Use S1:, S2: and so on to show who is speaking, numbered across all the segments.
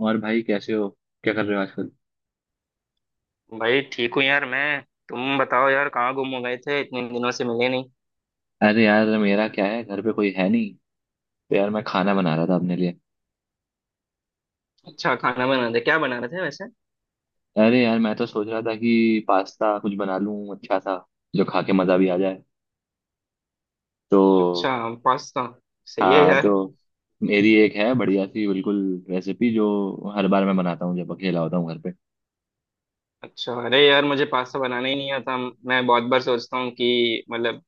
S1: और भाई कैसे हो? क्या कर रहे हो आजकल?
S2: भाई ठीक हूँ यार मैं। तुम बताओ यार कहाँ गुम हो गए थे इतने दिनों से मिले नहीं।
S1: अरे यार, मेरा क्या है, घर पे कोई है नहीं। तो यार मैं खाना बना रहा था अपने लिए।
S2: अच्छा, खाना बना रहे, क्या बना रहे थे वैसे?
S1: अरे यार मैं तो सोच रहा था कि पास्ता कुछ बना लूं अच्छा सा, जो खा के मज़ा भी आ जाए।
S2: अच्छा।
S1: तो
S2: पास्ता। सही है
S1: हाँ,
S2: यार।
S1: तो मेरी एक है बढ़िया सी बिल्कुल रेसिपी, जो हर बार मैं बनाता हूँ जब अकेला होता हूँ घर पे।
S2: अच्छा। अरे यार, मुझे पास्ता बनाना ही नहीं आता। मैं बहुत बार सोचता हूँ कि मतलब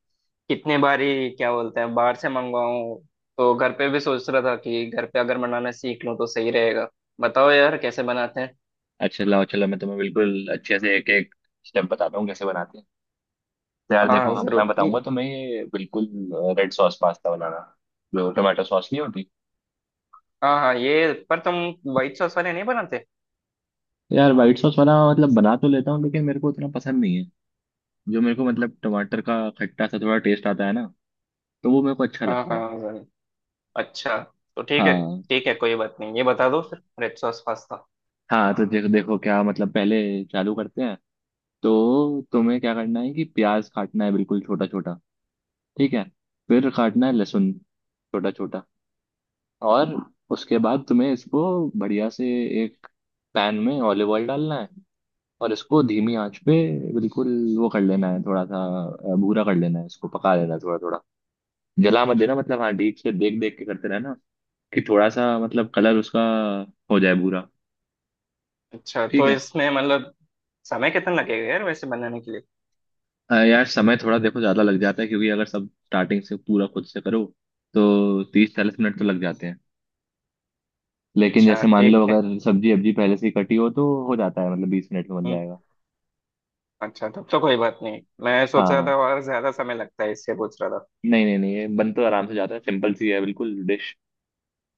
S2: कितने बार ही क्या बोलते हैं, बाहर से मंगवाऊँ। तो घर पे भी सोच रहा था कि घर पे अगर बनाना सीख लूँ तो सही रहेगा। बताओ यार कैसे बनाते हैं।
S1: अच्छा, लाओ चलो, मैं तुम्हें बिल्कुल अच्छे से एक एक स्टेप बताता हूँ कैसे बनाते हैं। तो यार
S2: हाँ
S1: देखो,
S2: हाँ,
S1: हम मैं
S2: जरूर।
S1: बताऊंगा तुम्हें ये बिल्कुल रेड सॉस पास्ता बनाना। जो टोमेटो सॉस नहीं होती।
S2: हाँ हाँ, ये पर तुम व्हाइट सॉस वाले नहीं बनाते?
S1: यार व्हाइट सॉस वाला मतलब बना तो लेता हूँ, लेकिन मेरे को उतना पसंद नहीं है। जो मेरे को मतलब टमाटर का खट्टा सा थोड़ा टेस्ट आता है ना, तो वो मेरे को अच्छा
S2: हाँ
S1: लगता है।
S2: हाँ। अच्छा तो ठीक है।
S1: हाँ
S2: ठीक है कोई बात नहीं, ये बता दो फिर रेड सॉस पास्ता।
S1: हाँ। तो देखो देखो क्या मतलब पहले चालू करते हैं। तो तुम्हें क्या करना है कि प्याज काटना है बिल्कुल छोटा छोटा। ठीक है। फिर काटना है लहसुन छोटा छोटा। और उसके बाद तुम्हें इसको बढ़िया से एक पैन में ऑलिव ऑयल डालना है। और इसको धीमी आंच पे बिल्कुल वो कर लेना है थोड़ा सा, भूरा कर लेना है, इसको पका लेना है थोड़ा थोड़ा। जला मत देना मतलब, हाँ, डीप से देख देख के करते रहना कि थोड़ा सा मतलब कलर उसका हो जाए भूरा।
S2: अच्छा
S1: ठीक
S2: तो
S1: है।
S2: इसमें मतलब समय कितना लगेगा यार वैसे बनाने के लिए?
S1: यार समय थोड़ा देखो ज्यादा लग जाता है, क्योंकि अगर सब स्टार्टिंग से पूरा खुद से करो तो 30-40 मिनट तो लग जाते हैं। लेकिन
S2: अच्छा
S1: जैसे मान लो,
S2: ठीक है।
S1: अगर सब्जी अब्जी पहले से ही कटी हो तो हो जाता है, मतलब 20 मिनट में बन
S2: हम्म।
S1: जाएगा।
S2: अच्छा तब तो कोई बात नहीं, मैं सोच रहा था
S1: हाँ।
S2: और ज्यादा समय लगता है इससे पूछ रहा था।
S1: नहीं, नहीं, नहीं, ये बन तो आराम से जाता है, सिंपल सी है बिल्कुल डिश।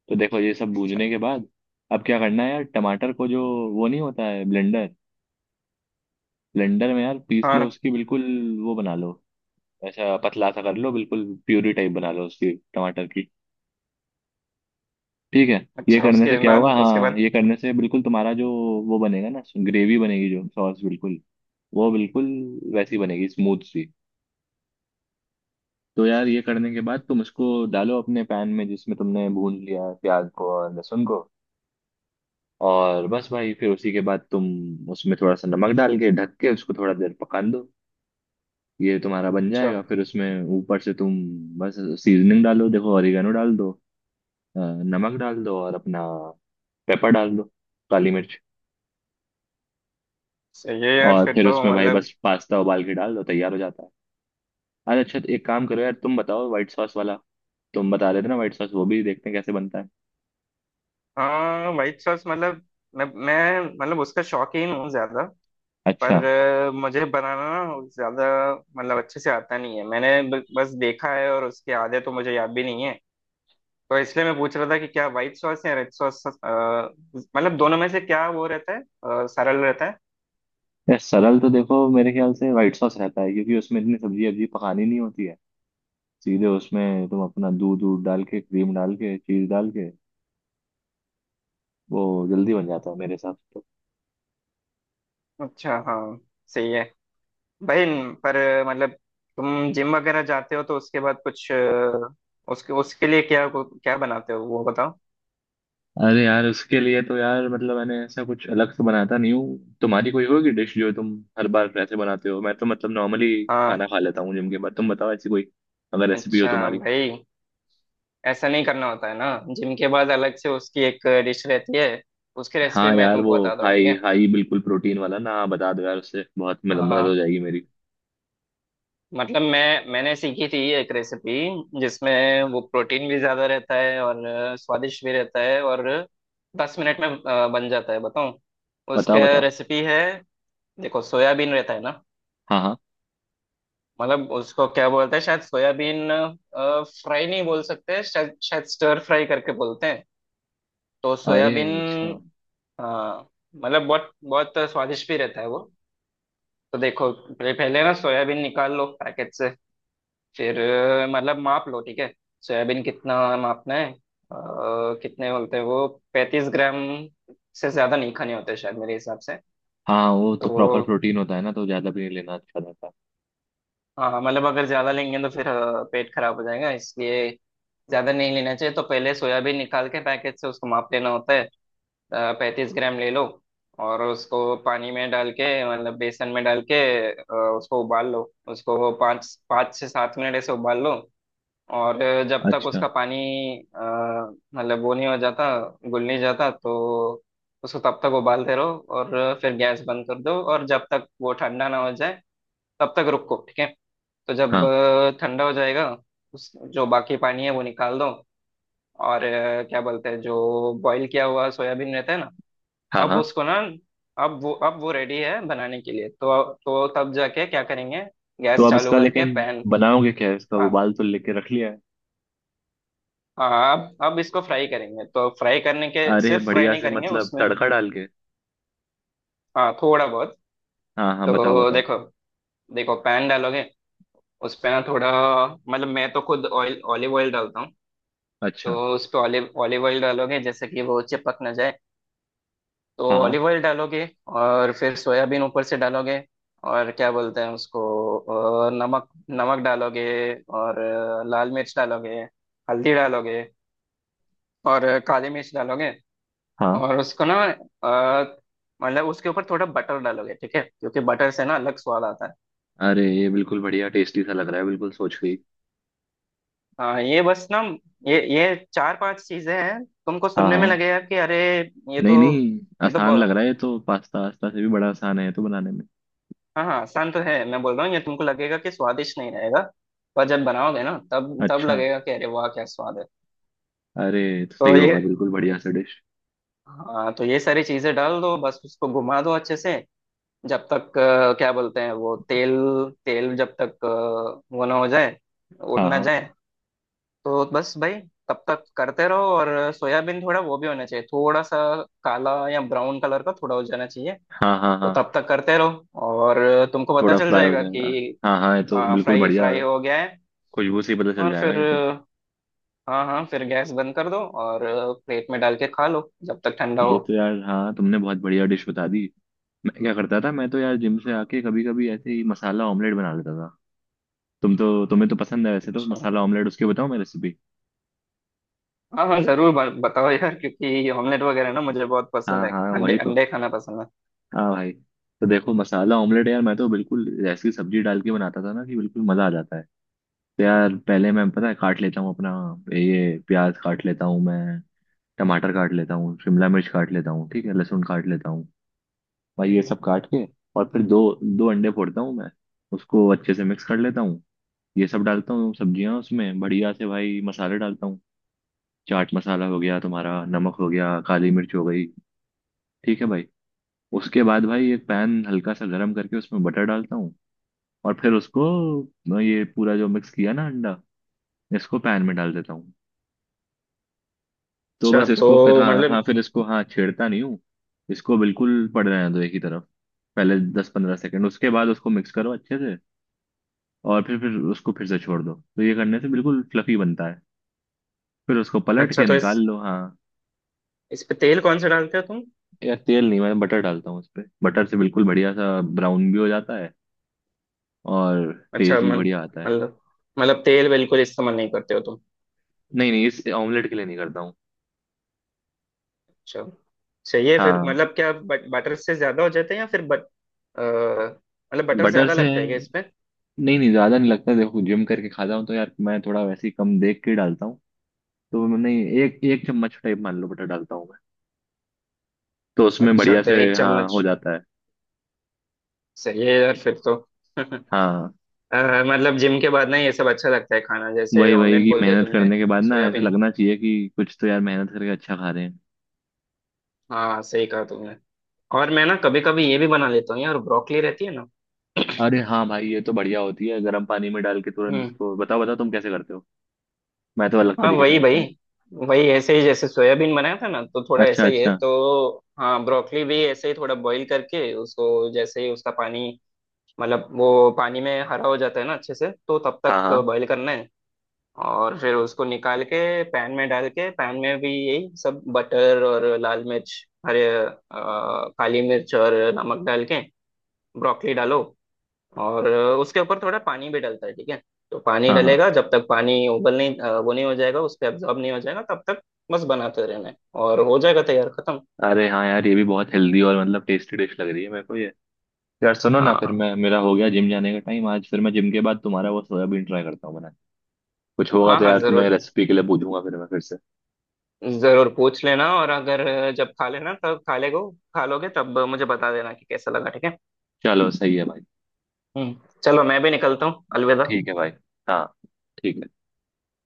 S1: तो देखो ये सब
S2: अच्छा
S1: भूनने के बाद अब क्या करना है, यार टमाटर को, जो वो नहीं होता है ब्लेंडर, ब्लेंडर में यार पीस लो
S2: हाँ।
S1: उसकी बिल्कुल। वो बना लो, ऐसा पतला सा कर लो, बिल्कुल प्यूरी टाइप बना लो उसकी टमाटर की। ठीक है। ये
S2: अच्छा,
S1: करने से
S2: उसके
S1: क्या
S2: बाद?
S1: होगा?
S2: उसके
S1: हाँ,
S2: बाद?
S1: ये करने से बिल्कुल तुम्हारा जो वो बनेगा ना, ग्रेवी बनेगी, जो सॉस बिल्कुल वो बिल्कुल वैसी बनेगी, स्मूथ सी। तो यार ये करने के बाद तुम उसको डालो अपने पैन में, जिसमें तुमने भून लिया है प्याज को और लहसुन को। और बस भाई फिर उसी के बाद तुम उसमें थोड़ा सा नमक डाल के ढक के उसको थोड़ा देर पकाने दो। ये तुम्हारा बन
S2: अच्छा
S1: जाएगा। फिर उसमें ऊपर से तुम बस सीजनिंग डालो, देखो ऑरिगेनो डाल दो, अ, नमक डाल दो और अपना पेपर डाल दो, काली मिर्च।
S2: सही है यार
S1: और
S2: फिर
S1: फिर
S2: तो
S1: उसमें भाई
S2: मतलब।
S1: बस पास्ता उबाल के डाल दो, तैयार हो जाता है। अरे अच्छा, तो एक काम करो यार, तुम बताओ व्हाइट सॉस वाला। तुम बता रहे थे ना व्हाइट सॉस, वो भी देखते हैं कैसे बनता है।
S2: हाँ, व्हाइट सॉस मतलब मैं मतलब उसका शौकीन हूँ ज्यादा। पर
S1: अच्छा।
S2: मुझे बनाना ना ज्यादा, मतलब अच्छे से आता नहीं है। मैंने बस देखा है और उसके आधे तो मुझे याद भी नहीं है। तो इसलिए मैं पूछ रहा था कि क्या व्हाइट सॉस या रेड सॉस मतलब दोनों में से क्या वो रहता है, सरल रहता है?
S1: यार सरल तो देखो मेरे ख्याल से व्हाइट सॉस रहता है, क्योंकि उसमें इतनी सब्जी वब्जी पकानी नहीं होती है। सीधे उसमें तुम अपना दूध दूध डाल के, क्रीम डाल के, चीज डाल के, वो जल्दी बन जाता है मेरे हिसाब से तो।
S2: अच्छा हाँ, सही है भाई। पर मतलब, तुम जिम वगैरह जाते हो तो उसके बाद कुछ अ, उसके उसके लिए क्या क्या बनाते हो वो बताओ।
S1: अरे यार, उसके लिए तो यार मतलब मैंने ऐसा कुछ अलग से बनाता नहीं हूँ। तुम्हारी कोई होगी डिश जो तुम हर बार ऐसे बनाते हो। मैं तो मतलब नॉर्मली
S2: हाँ।
S1: खाना खा लेता हूँ जिम के बाद। तुम बताओ ऐसी कोई अगर रेसिपी हो
S2: अच्छा
S1: तुम्हारी।
S2: भाई। ऐसा नहीं करना होता है ना, जिम के बाद अलग से उसकी एक डिश रहती है। उसकी रेसिपी
S1: हाँ
S2: मैं
S1: यार वो
S2: तुमको बताता हूँ, ठीक
S1: हाई
S2: है।
S1: हाई बिल्कुल प्रोटीन वाला ना, हाँ बता दो यार, उससे बहुत मतलब मदद हो
S2: हाँ,
S1: जाएगी मेरी।
S2: मतलब मैंने सीखी थी एक रेसिपी जिसमें वो प्रोटीन भी ज्यादा रहता है और स्वादिष्ट भी रहता है और 10 मिनट में बन जाता है, बताऊँ?
S1: बताओ,
S2: उसका
S1: बताओ।
S2: रेसिपी है। देखो सोयाबीन रहता है ना।
S1: हाँ, हाँ।
S2: मतलब उसको क्या बोलते हैं शायद, सोयाबीन फ्राई नहीं बोल सकते शायद शायद स्टर फ्राई करके बोलते हैं। तो
S1: अरे
S2: सोयाबीन।
S1: अच्छा।
S2: हाँ, मतलब बहुत बहुत स्वादिष्ट भी रहता है वो। तो देखो, पहले पहले ना सोयाबीन निकाल लो पैकेट से। फिर मतलब माप लो, ठीक है। सोयाबीन कितना मापना है? कितने बोलते हैं वो? 35 ग्राम से ज्यादा नहीं खाने होते शायद मेरे हिसाब से
S1: हाँ, वो
S2: तो।
S1: तो प्रॉपर प्रोटीन होता है ना, तो ज़्यादा भी नहीं लेना अच्छा रहता
S2: हाँ हाँ, मतलब अगर ज्यादा लेंगे तो फिर पेट खराब हो जाएगा, इसलिए ज्यादा नहीं लेना चाहिए। तो पहले सोयाबीन निकाल के पैकेट से उसको माप लेना होता है, 35 ग्राम ले लो। और उसको पानी में डाल के मतलब बेसन में डाल के उसको उबाल लो। उसको वो पाँच पाँच से सात मिनट ऐसे उबाल लो। और जब
S1: है।
S2: तक
S1: अच्छा।
S2: उसका पानी अ, मतलब वो नहीं हो जाता, गुल नहीं जाता, तो उसको तब तक उबालते रहो और फिर गैस बंद कर दो और जब तक वो ठंडा ना हो जाए तब तक रुको, ठीक है। तो जब
S1: हाँ,
S2: ठंडा हो जाएगा, उस जो बाकी पानी है वो निकाल दो। और क्या बोलते हैं, जो बॉईल किया हुआ सोयाबीन रहता है ना,
S1: हाँ,
S2: अब
S1: हाँ।
S2: उसको ना, अब वो रेडी है बनाने के लिए। तो तब जाके क्या करेंगे?
S1: तो
S2: गैस
S1: अब
S2: चालू
S1: इसका
S2: करके
S1: लेकिन
S2: पैन।
S1: बनाओगे क्या? इसका
S2: हाँ
S1: उबाल तो लेके रख लिया है।
S2: हाँ, अब इसको फ्राई करेंगे तो फ्राई करने के,
S1: अरे
S2: सिर्फ फ्राई
S1: बढ़िया
S2: नहीं
S1: से
S2: करेंगे
S1: मतलब
S2: उसमें।
S1: तड़का डाल के।
S2: हाँ थोड़ा बहुत।
S1: हाँ, हाँ, बताओ,
S2: तो
S1: बताओ।
S2: देखो देखो पैन डालोगे, उस पे ना थोड़ा मतलब मैं तो खुद ऑयल ऑलिव ऑयल डालता हूँ। तो
S1: अच्छा।
S2: उस पे ऑलिव ऑलिव ऑयल डालोगे जैसे कि वो चिपक ना जाए, तो
S1: हाँ, हाँ,
S2: ऑलिव ऑयल डालोगे। और फिर सोयाबीन ऊपर से डालोगे। और क्या बोलते हैं उसको, नमक नमक डालोगे और लाल मिर्च डालोगे, हल्दी डालोगे और काली मिर्च डालोगे।
S1: हाँ।
S2: और उसको ना मतलब उसके ऊपर थोड़ा बटर डालोगे, ठीक है, क्योंकि बटर से ना अलग स्वाद आता है।
S1: अरे ये बिल्कुल बढ़िया टेस्टी सा लग रहा है बिल्कुल सोच के ही।
S2: हाँ ये बस ना, ये चार पांच चीजें हैं, तुमको
S1: हाँ,
S2: सुनने में
S1: हाँ।
S2: लगेगा कि अरे ये
S1: नहीं,
S2: तो
S1: नहीं,
S2: ये तो
S1: आसान लग
S2: ब-
S1: रहा है ये तो, पास्ता वास्ता से भी बड़ा आसान है ये तो बनाने में।
S2: हाँ हाँ, आसान तो है, मैं बोल रहा हूँ ये तुमको लगेगा कि स्वादिष्ट नहीं रहेगा, पर जब बनाओगे ना, तब तब
S1: अच्छा।
S2: लगेगा कि अरे वाह, क्या स्वाद है।
S1: अरे ये तो सही
S2: तो ये।
S1: होगा बिल्कुल बढ़िया सा डिश।
S2: हाँ, तो ये सारी चीजें डाल दो, बस उसको घुमा दो अच्छे से जब तक क्या बोलते हैं वो तेल तेल जब तक वो ना हो जाए, उड़
S1: हाँ,
S2: ना
S1: हाँ,
S2: जाए। तो बस भाई तब तक करते रहो और सोयाबीन थोड़ा वो भी होना चाहिए, थोड़ा सा काला या ब्राउन कलर का थोड़ा हो जाना चाहिए।
S1: हाँ, हाँ,
S2: तो
S1: हाँ,
S2: तब तक करते रहो और तुमको पता
S1: थोड़ा
S2: चल
S1: फ्राई हो
S2: जाएगा कि
S1: जाएगा। हाँ, हाँ ये तो
S2: हाँ,
S1: बिल्कुल
S2: फ्राई
S1: बढ़िया,
S2: फ्राई हो गया है।
S1: खुशबू से ही पता चल
S2: और
S1: जाएगा
S2: फिर
S1: ये तो।
S2: हाँ हाँ, फिर गैस बंद कर दो और प्लेट में डाल के खा लो जब तक ठंडा
S1: ये
S2: हो।
S1: तो यार, हाँ, तुमने बहुत बढ़िया डिश बता दी। मैं क्या करता था, मैं तो यार जिम से आके कभी कभी ऐसे ही मसाला ऑमलेट बना लेता था। तुम तो तुम्हें तो पसंद है वैसे तो
S2: अच्छा
S1: मसाला ऑमलेट, उसकी बताओ मैं रेसिपी।
S2: हाँ हाँ जरूर, बताओ यार, क्योंकि ये ऑमलेट वगैरह ना मुझे बहुत पसंद
S1: हाँ,
S2: है।
S1: हाँ
S2: अंडे
S1: वही तो।
S2: अंडे खाना पसंद है।
S1: हाँ भाई। तो देखो मसाला ऑमलेट यार, मैं तो बिल्कुल जैसी सब्जी डाल के बनाता था ना कि बिल्कुल मजा आ जाता है। तो यार पहले मैं, पता है, काट लेता हूँ अपना ये प्याज, काट लेता हूँ मैं टमाटर, काट लेता हूँ शिमला मिर्च, काट लेता हूँ, ठीक है, लहसुन काट लेता हूँ। भाई ये सब काट के, और फिर दो दो अंडे फोड़ता हूँ मैं। उसको अच्छे से मिक्स कर लेता हूँ। ये सब डालता हूँ सब्जियाँ उसमें, बढ़िया से भाई मसाले डालता हूँ। चाट मसाला हो गया तुम्हारा, नमक हो गया, काली मिर्च हो गई, ठीक है भाई। उसके बाद भाई एक पैन हल्का सा गर्म करके उसमें बटर डालता हूँ। और फिर उसको, ये पूरा जो मिक्स किया ना अंडा, इसको पैन में डाल देता हूँ। तो
S2: अच्छा
S1: बस
S2: तो
S1: इसको फिर, हाँ हाँ,
S2: मतलब।
S1: फिर इसको, हाँ, छेड़ता नहीं हूँ। इसको बिल्कुल पड़ रहने दो एक ही तरफ। पहले 10-15 सेकंड, उसके बाद उसको मिक्स करो अच्छे से। और फिर उसको फिर से छोड़ दो, तो ये करने से बिल्कुल फ्लफी बनता है। फिर उसको पलट
S2: अच्छा
S1: के
S2: तो
S1: निकाल
S2: इस
S1: लो, हाँ।
S2: इस पे तेल कौन सा डालते हो तुम?
S1: यार तेल नहीं, मैं बटर डालता हूँ उस पर, बटर से बिल्कुल बढ़िया सा ब्राउन भी हो जाता है। और
S2: अच्छा,
S1: टेस्ट भी बढ़िया आता है।
S2: मतलब मतलब तेल बिल्कुल इस्तेमाल नहीं करते हो तुम?
S1: नहीं, नहीं इस ऑमलेट के लिए नहीं करता हूँ।
S2: अच्छा, चाहिए फिर
S1: हाँ,
S2: मतलब क्या, बटर से ज्यादा हो जाते हैं, या फिर अ, मतलब बटर
S1: बटर
S2: ज्यादा
S1: से
S2: लगता है क्या इसमें?
S1: नहीं, नहीं ज्यादा नहीं लगता, देखो जिम करके खाता हूँ तो यार मैं थोड़ा वैसे ही कम देख के डालता हूँ। तो मैं नहीं, एक एक चम्मच टाइप मान लो बटर डालता हूँ मैं। तो उसमें
S2: अच्छा
S1: बढ़िया
S2: तो
S1: से,
S2: एक
S1: हाँ,
S2: चम्मच
S1: हो जाता है।
S2: सही है यार फिर तो।
S1: हाँ
S2: अ, मतलब जिम के बाद ना ये सब अच्छा लगता है खाना, जैसे
S1: वही वही,
S2: ऑमलेट
S1: कि
S2: बोल दिया
S1: मेहनत
S2: तुमने।
S1: करने के बाद ना ऐसे
S2: सोयाबीन।
S1: लगना चाहिए कि कुछ तो यार मेहनत करके अच्छा खा रहे हैं।
S2: हाँ, सही कहा तुमने। और मैं ना कभी कभी ये भी बना लेता हूँ यार, ब्रोकली रहती है ना।
S1: अरे हाँ भाई, ये तो बढ़िया होती है गर्म पानी में डाल के तुरंत
S2: हम्म।
S1: इसको। बताओ, बताओ तुम कैसे करते हो। मैं तो अलग
S2: हाँ
S1: तरीके से
S2: वही
S1: करता
S2: भाई।
S1: हूँ।
S2: वही ऐसे ही, जैसे सोयाबीन बनाया था ना, तो थोड़ा
S1: अच्छा,
S2: ऐसा ही है
S1: अच्छा।
S2: तो। हाँ ब्रोकली भी ऐसे ही थोड़ा बॉईल करके उसको, जैसे ही उसका पानी मतलब वो पानी में हरा हो जाता है ना अच्छे से, तो तब
S1: हाँ,
S2: तक
S1: हाँ,
S2: बॉईल करना है। और फिर उसको निकाल के पैन में डाल के, पैन में भी यही सब बटर और लाल मिर्च, काली मिर्च और नमक डाल के ब्रोकली डालो और उसके ऊपर थोड़ा पानी भी डलता है, ठीक है। तो पानी
S1: हाँ, हाँ।
S2: डलेगा, जब तक पानी उबल नहीं, वो नहीं हो जाएगा, उस पर एब्जॉर्ब नहीं हो जाएगा तब तक बस बनाते रहना है और हो जाएगा तैयार, खत्म।
S1: अरे हाँ यार, ये भी बहुत हेल्दी और मतलब टेस्टी डिश लग रही है मेरे को ये। यार सुनो ना, फिर
S2: हाँ
S1: मैं, मेरा हो गया जिम जाने का टाइम आज, फिर मैं जिम के बाद तुम्हारा वो सोयाबीन ट्राई करता हूँ बनाने। कुछ होगा
S2: हाँ
S1: तो
S2: हाँ,
S1: यार तुम्हें
S2: जरूर।
S1: रेसिपी के लिए पूछूंगा फिर मैं, फिर से।
S2: जरूर पूछ लेना, और अगर जब खा लेना तब खा लेगो, खा लोगे तब मुझे बता देना कि कैसा लगा, ठीक है।
S1: चलो सही है भाई।
S2: हम्म। चलो मैं भी निकलता हूँ, अलविदा।
S1: ठीक है भाई। हाँ। ठीक है।